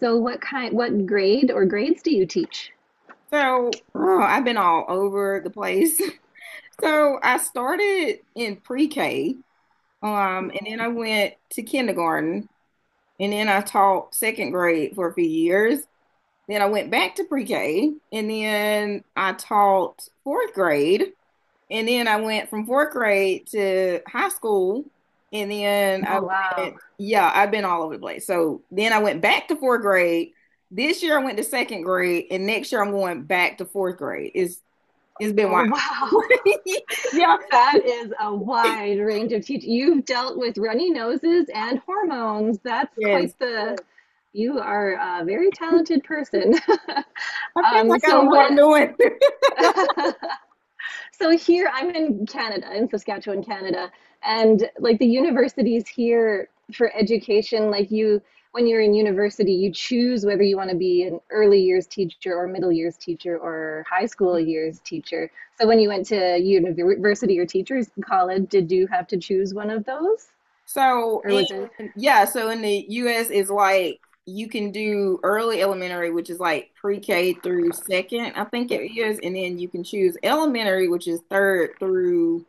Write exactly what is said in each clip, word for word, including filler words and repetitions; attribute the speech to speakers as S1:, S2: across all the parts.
S1: So what kind, what grade or grades do you teach?
S2: So, oh, I've been all over the place. So, I started in pre-K, um, and then
S1: Mm.
S2: I went to kindergarten, and then I taught second grade for a few years. Then I went back to pre-K, and then I taught fourth grade, and then I went from fourth grade to high school, and then I went, yeah, I've been all over the place. So, then I went back to fourth grade. This year I went to second grade, and next year I'm going back to fourth grade. It's it's been
S1: Oh,
S2: wild.
S1: wow.
S2: Yeah.
S1: That is a wide range of teach. You've dealt with runny noses and hormones. That's
S2: Yes.
S1: quite the, you are a very talented person.
S2: I feel
S1: Um,
S2: like I
S1: so
S2: don't know what I'm
S1: what?
S2: doing.
S1: So here I'm in Canada, in Saskatchewan, Canada, and like the universities here for education, like you, when you're in university, you choose whether you want to be an early years teacher or middle years teacher or high school years teacher. So when you went to university or teachers college, did you have to choose one of those?
S2: So,
S1: Or was it,
S2: and yeah, so in the U S it's like you can do early elementary, which is like pre-K through second, I think it is, and then you can choose elementary, which is third through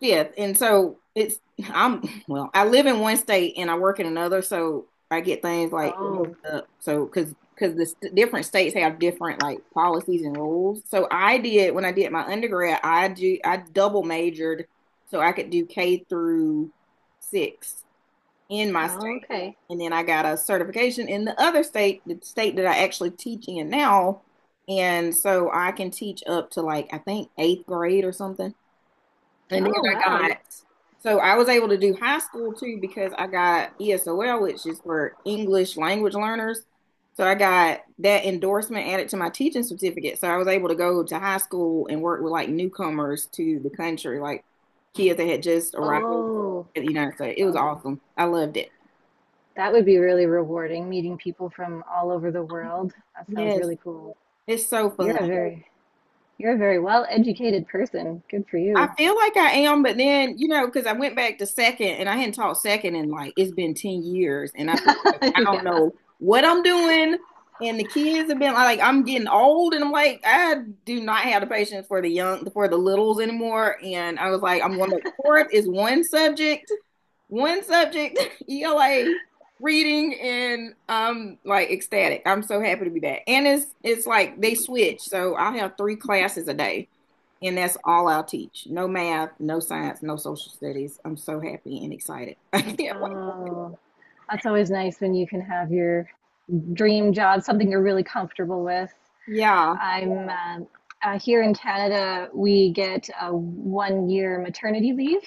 S2: yeah, and so it's I'm well, I live in one state and I work in another, so I get things like mixed
S1: oh,
S2: up. So because because the st- different states have different like policies and rules. So I did when I did my undergrad, I do I double majored so I could do K through six in my
S1: oh,
S2: state,
S1: okay.
S2: and then I got a certification in the other state, the state that I actually teach in now, and so I can teach up to like I think eighth grade or something. And then
S1: Oh,
S2: I
S1: wow.
S2: got, So I was able to do high school too because I got E S O L, which is for English language learners. So I got that endorsement added to my teaching certificate. So I was able to go to high school and work with like newcomers to the country, like kids that had just arrived
S1: Oh,
S2: at the United States. It was
S1: okay.
S2: awesome. I loved it.
S1: That would be really rewarding, meeting people from all over the world. That sounds
S2: Yes,
S1: really cool.
S2: it's so fun.
S1: You're a very you're a very well-educated person. Good for
S2: I
S1: you.
S2: feel like I am, but then, you know, because I went back to second and I hadn't taught second in like it's been ten years. And I feel like I don't
S1: Yeah.
S2: know what I'm doing. And the kids have been like, I'm getting old, and I'm like, I do not have the patience for the young, for the littles anymore. And I was like, I'm going back to fourth is one subject, one subject, E L A reading, and I'm like ecstatic. I'm so happy to be back. And it's it's like they switch, so I have three classes a day. And that's all I'll teach. No math, no science, no social studies. I'm so happy and excited. I can't wait.
S1: Oh, that's always nice when you can have your dream job, something you're really comfortable with.
S2: Yeah.
S1: I'm um, uh, Here in Canada, we get a one-year maternity leave.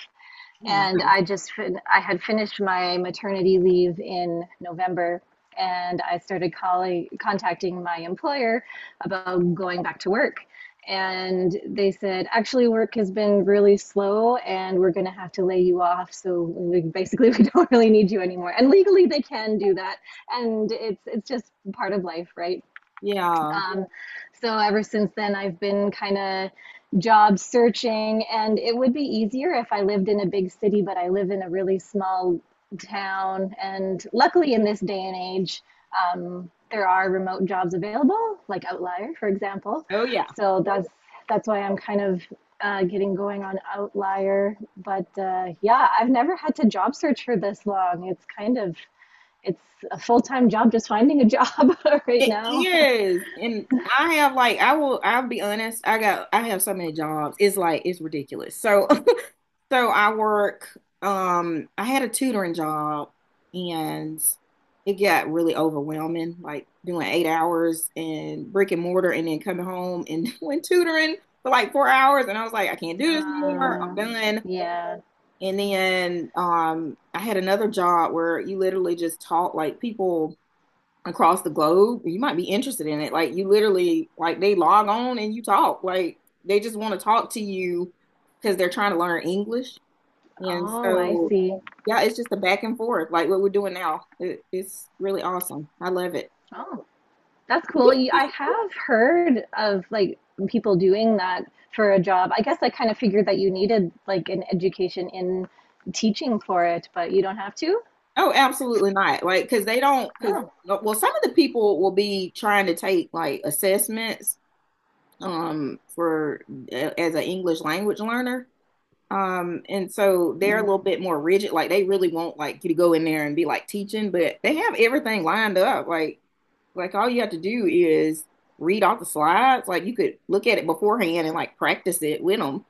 S1: And
S2: Nice.
S1: I just I had finished my maternity leave in November, and I started calling contacting my employer about going back to work. And they said, actually, work has been really slow, and we're going to have to lay you off. So we, basically, we don't really need you anymore. And legally, they can do that, and it's it's just part of life, right?
S2: Yeah.
S1: Um, so ever since then, I've been kind of job searching, and it would be easier if I lived in a big city, but I live in a really small town. And luckily, in this day and age, um, there are remote jobs available, like Outlier, for example.
S2: Oh yeah.
S1: So that's that's why I'm kind of uh, getting going on Outlier. But uh, yeah, I've never had to job search for this long. It's kind of it's a full-time job just finding a job right
S2: It
S1: now.
S2: is. And I have like I will I'll be honest, I got I have so many jobs. It's like it's ridiculous. So So I work, um, I had a tutoring job and it got really overwhelming, like doing eight hours and brick and mortar and then coming home and doing tutoring for like four hours. And I was like, I can't do this anymore. I'm
S1: Uh,
S2: done.
S1: yeah.
S2: And then um, I had another job where you literally just taught like people across the globe. You might be interested in it. Like you literally, like they log on and you talk. Like they just want to talk to you because they're trying to learn English. And
S1: Oh, I
S2: so,
S1: see.
S2: yeah, it's just a back and forth, like what we're doing now. It, it's really awesome. I love it.
S1: Oh, that's cool.
S2: You
S1: You- I
S2: think-
S1: have heard of like people doing that for a job. I guess I kind of figured that you needed like an education in teaching for it, but you don't have to.
S2: Oh, absolutely not. Like, because they don't, because,
S1: Oh,
S2: well, some of the people will be trying to take like assessments um for uh, as an English language learner. Um, and so they're a little bit more rigid. Like they really want like you to go in there and be like teaching, but they have everything lined up. Like Like all you have to do is read off the slides. Like you could look at it beforehand and like practice it with them.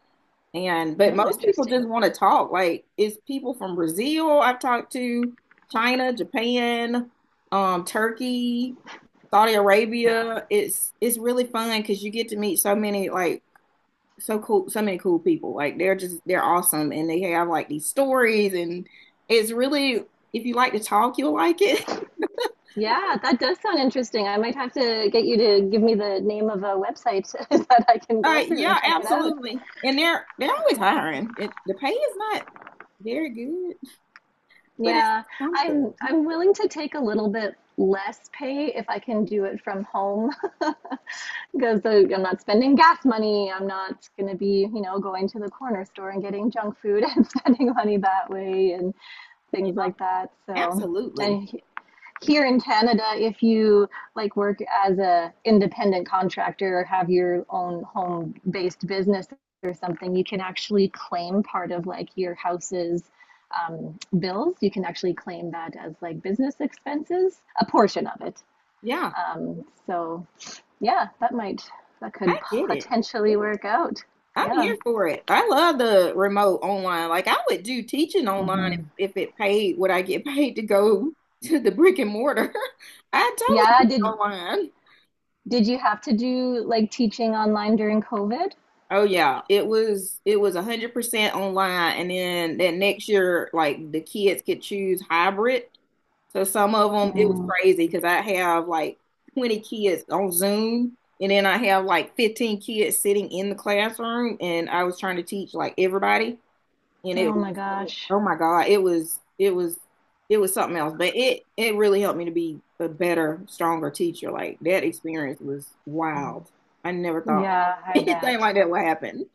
S2: And but
S1: oh,
S2: most people
S1: interesting.
S2: just want to talk. Like it's people from Brazil I've talked to, China, Japan, um, Turkey, Saudi
S1: Wow.
S2: Arabia. It's it's really fun because you get to meet so many like so cool so many cool people. Like they're just they're awesome and they have like these stories, and it's really if you like to talk, you'll like it.
S1: Yeah, that does sound interesting. I might have to get you to give me the name of a website that I can go
S2: Uh,
S1: through
S2: yeah,
S1: and check it out.
S2: absolutely. And they're they're always hiring. It the pay is not very good, but it's
S1: Yeah, I'm
S2: something.
S1: I'm willing to take a little bit less pay if I can do it from home. Because the, I'm not spending gas money. I'm not going to be, you know, going to the corner store and getting junk food and spending money that way and
S2: You
S1: things
S2: know,
S1: like that. So,
S2: absolutely.
S1: and here in Canada, if you like work as a independent contractor or have your own home-based business or something, you can actually claim part of like your house's um, bills. You can actually claim that as like business expenses, a portion of it.
S2: Yeah,
S1: Um, so yeah, that might that
S2: I
S1: could
S2: get it.
S1: potentially work out.
S2: I'm
S1: Yeah.
S2: here for it. I love the remote online. Like I would do teaching online if, if it paid what I get paid to go to the brick and mortar. I totally
S1: Yeah,
S2: do it
S1: did
S2: online.
S1: did you have to do like teaching online during COVID?
S2: Oh yeah, it was it was one hundred percent online, and then that next year like the kids could choose hybrid. So some of them, it was
S1: Mm.
S2: crazy because I have like twenty kids on Zoom, and then I have like fifteen kids sitting in the classroom, and I was trying to teach like everybody, and it
S1: Oh
S2: was,
S1: my gosh.
S2: oh my God, it was it was it was something else. But it it really helped me to be a better, stronger teacher. Like that experience was wild. I never thought
S1: Yeah, I
S2: anything
S1: bet.
S2: like that would happen.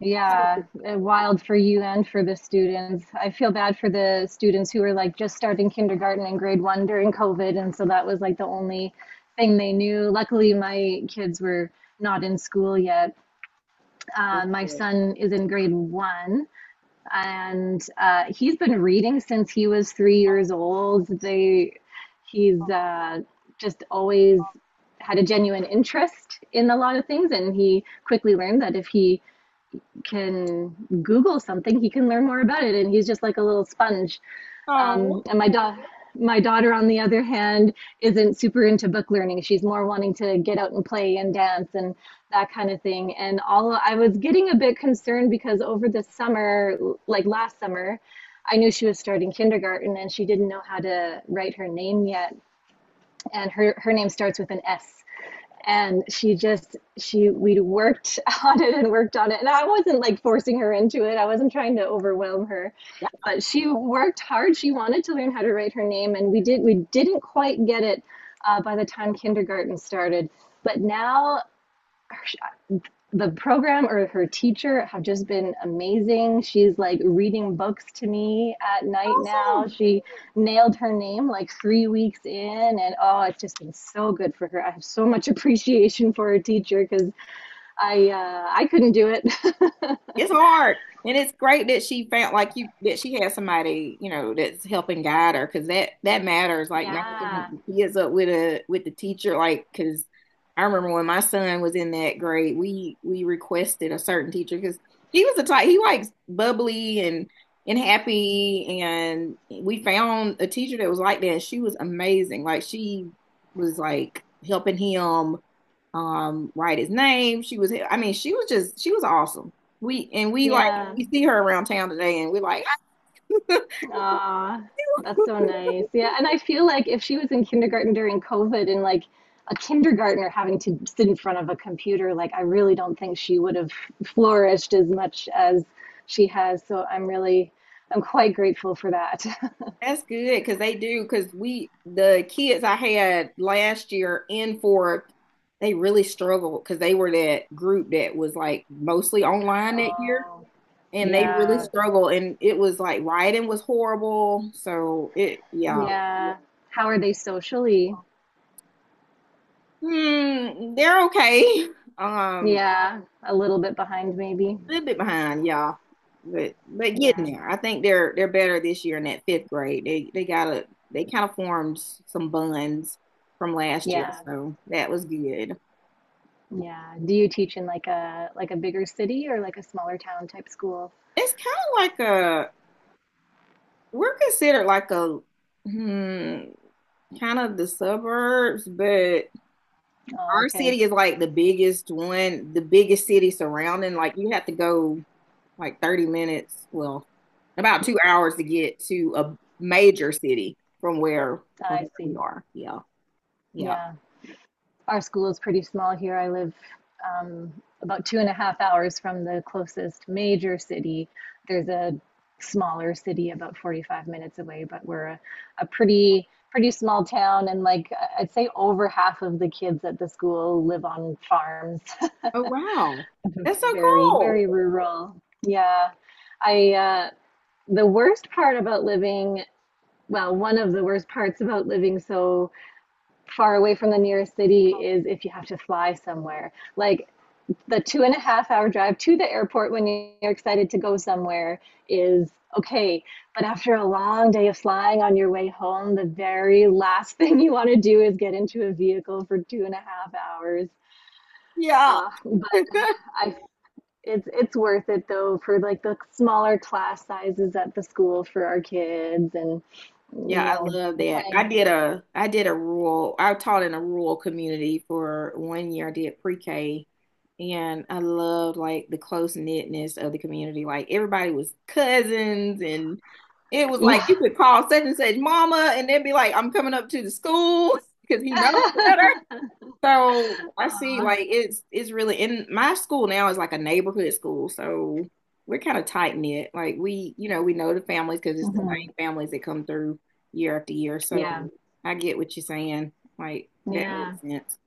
S1: Yeah, uh, wild for you and for the students. I feel bad for the students who were like just starting kindergarten and grade one during COVID and so that was like the only thing they knew. Luckily my kids were not in school yet. Uh, my son is in grade one and uh, he's been reading since he was three years old. They, he's uh, just always had a genuine interest in a lot of things, and he quickly learned that if he can Google something, he can learn more about it. And he's just like a little sponge, um,
S2: Oh,
S1: and my daughter. My daughter, on the other hand, isn't super into book learning. She's more wanting to get out and play and dance and that kind of thing. And all I was getting a bit concerned because over the summer, like last summer, I knew she was starting kindergarten and she didn't know how to write her name yet. And her, her name starts with an S and she just she we worked on it and worked on it and I wasn't like forcing her into it. I wasn't trying to overwhelm her,
S2: that's
S1: but she worked hard. She wanted to learn how to write her name and we did we didn't quite get it uh, by the time kindergarten started, but now the program or her teacher have just been amazing. She's like reading books to me at night now.
S2: awesome.
S1: She nailed her name like three weeks in, and oh, it's just been so good for her. I have so much appreciation for her teacher because I uh, I couldn't do it.
S2: It's hard. And it's great that she found like you, that she had somebody, you know, that's helping guide her because that that matters. Like matching
S1: Yeah,
S2: the kids up with a with the teacher, like because I remember when my son was in that grade, we we requested a certain teacher because he was the type he likes bubbly and and happy, and we found a teacher that was like that, and she was amazing. Like she was like helping him um write his name. She was, I mean, she was just she was awesome. We and we like
S1: yeah.
S2: you see her around town today, and we're like,
S1: Ah, that's so nice. Yeah, and I feel like if she was in kindergarten during COVID and like a kindergartner having to sit in front of a computer, like I really don't think she would have flourished as much as she has. So I'm really, I'm quite grateful for that.
S2: that's good because they do because we the kids I had last year in fourth, they really struggled because they were that group that was like mostly online that year,
S1: Oh,
S2: and they really
S1: yeah,
S2: struggled, and it was like writing was horrible. So it yeah.
S1: yeah. How are they socially?
S2: Hmm, they're okay. Um,
S1: Yeah, a little bit behind maybe.
S2: Little bit behind y'all, but but getting
S1: Yeah,
S2: there. I think they're they're better this year in that fifth grade. They they got a they kind of formed some bonds from last year,
S1: yeah,
S2: so that was good.
S1: yeah. Do you teach in like a like a bigger city or like a smaller town type school?
S2: It's kind of like a we're considered like a hmm, kind of the suburbs, but
S1: Oh,
S2: our
S1: okay.
S2: city is like the biggest one, the biggest city surrounding. Like you have to go like thirty minutes, well, about two hours to get to a major city from where from
S1: I
S2: where we
S1: see.
S2: are. Yeah. Yeah.
S1: Yeah. Our school is pretty small here. I live um, about two and a half hours from the closest major city. There's a smaller city about forty-five minutes away, but we're a, a pretty pretty small town and like I- would say over half of the kids at the school live on farms.
S2: Oh wow. That's so
S1: Very, very
S2: cool.
S1: rural. Yeah. I uh The worst part about living, well, one of the worst parts about living so far away from the nearest city is if you have to fly somewhere. Like the two and a half hour drive to the airport when you're excited to go somewhere is okay. But after a long day of flying on your way home, the very last thing you want to do is get into a vehicle for two and a half hours.
S2: Yeah.
S1: Uh, but I, it's it's worth it though for like the smaller class sizes at the school for our kids and
S2: Yeah,
S1: you
S2: I
S1: know
S2: love that. I
S1: playing.
S2: did a I did a rural I taught in a rural community for one year. I did pre-K and I loved like the close knitness of the community. Like everybody was cousins, and it was like
S1: Yeah.
S2: you could call such and such mama and they'd be like, I'm coming up to the school because he knows better. So I see
S1: Aw.
S2: like it's it's really in my school now is like a neighborhood school. So we're kind of tight knit. Like we, you know, we know the families because it's the
S1: Mhm.
S2: same families that come through year after year. So
S1: Yeah,
S2: I get what you're saying. Like that
S1: yeah,
S2: makes sense.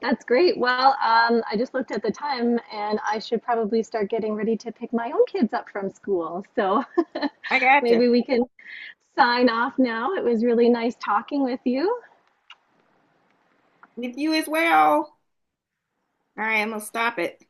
S1: that's great. Well, um, I just looked at the time and I should probably start getting ready to pick my own kids up from school. So
S2: I gotcha.
S1: maybe we can sign off now. It was really nice talking with you.
S2: With you as well. All right, I'm gonna stop it.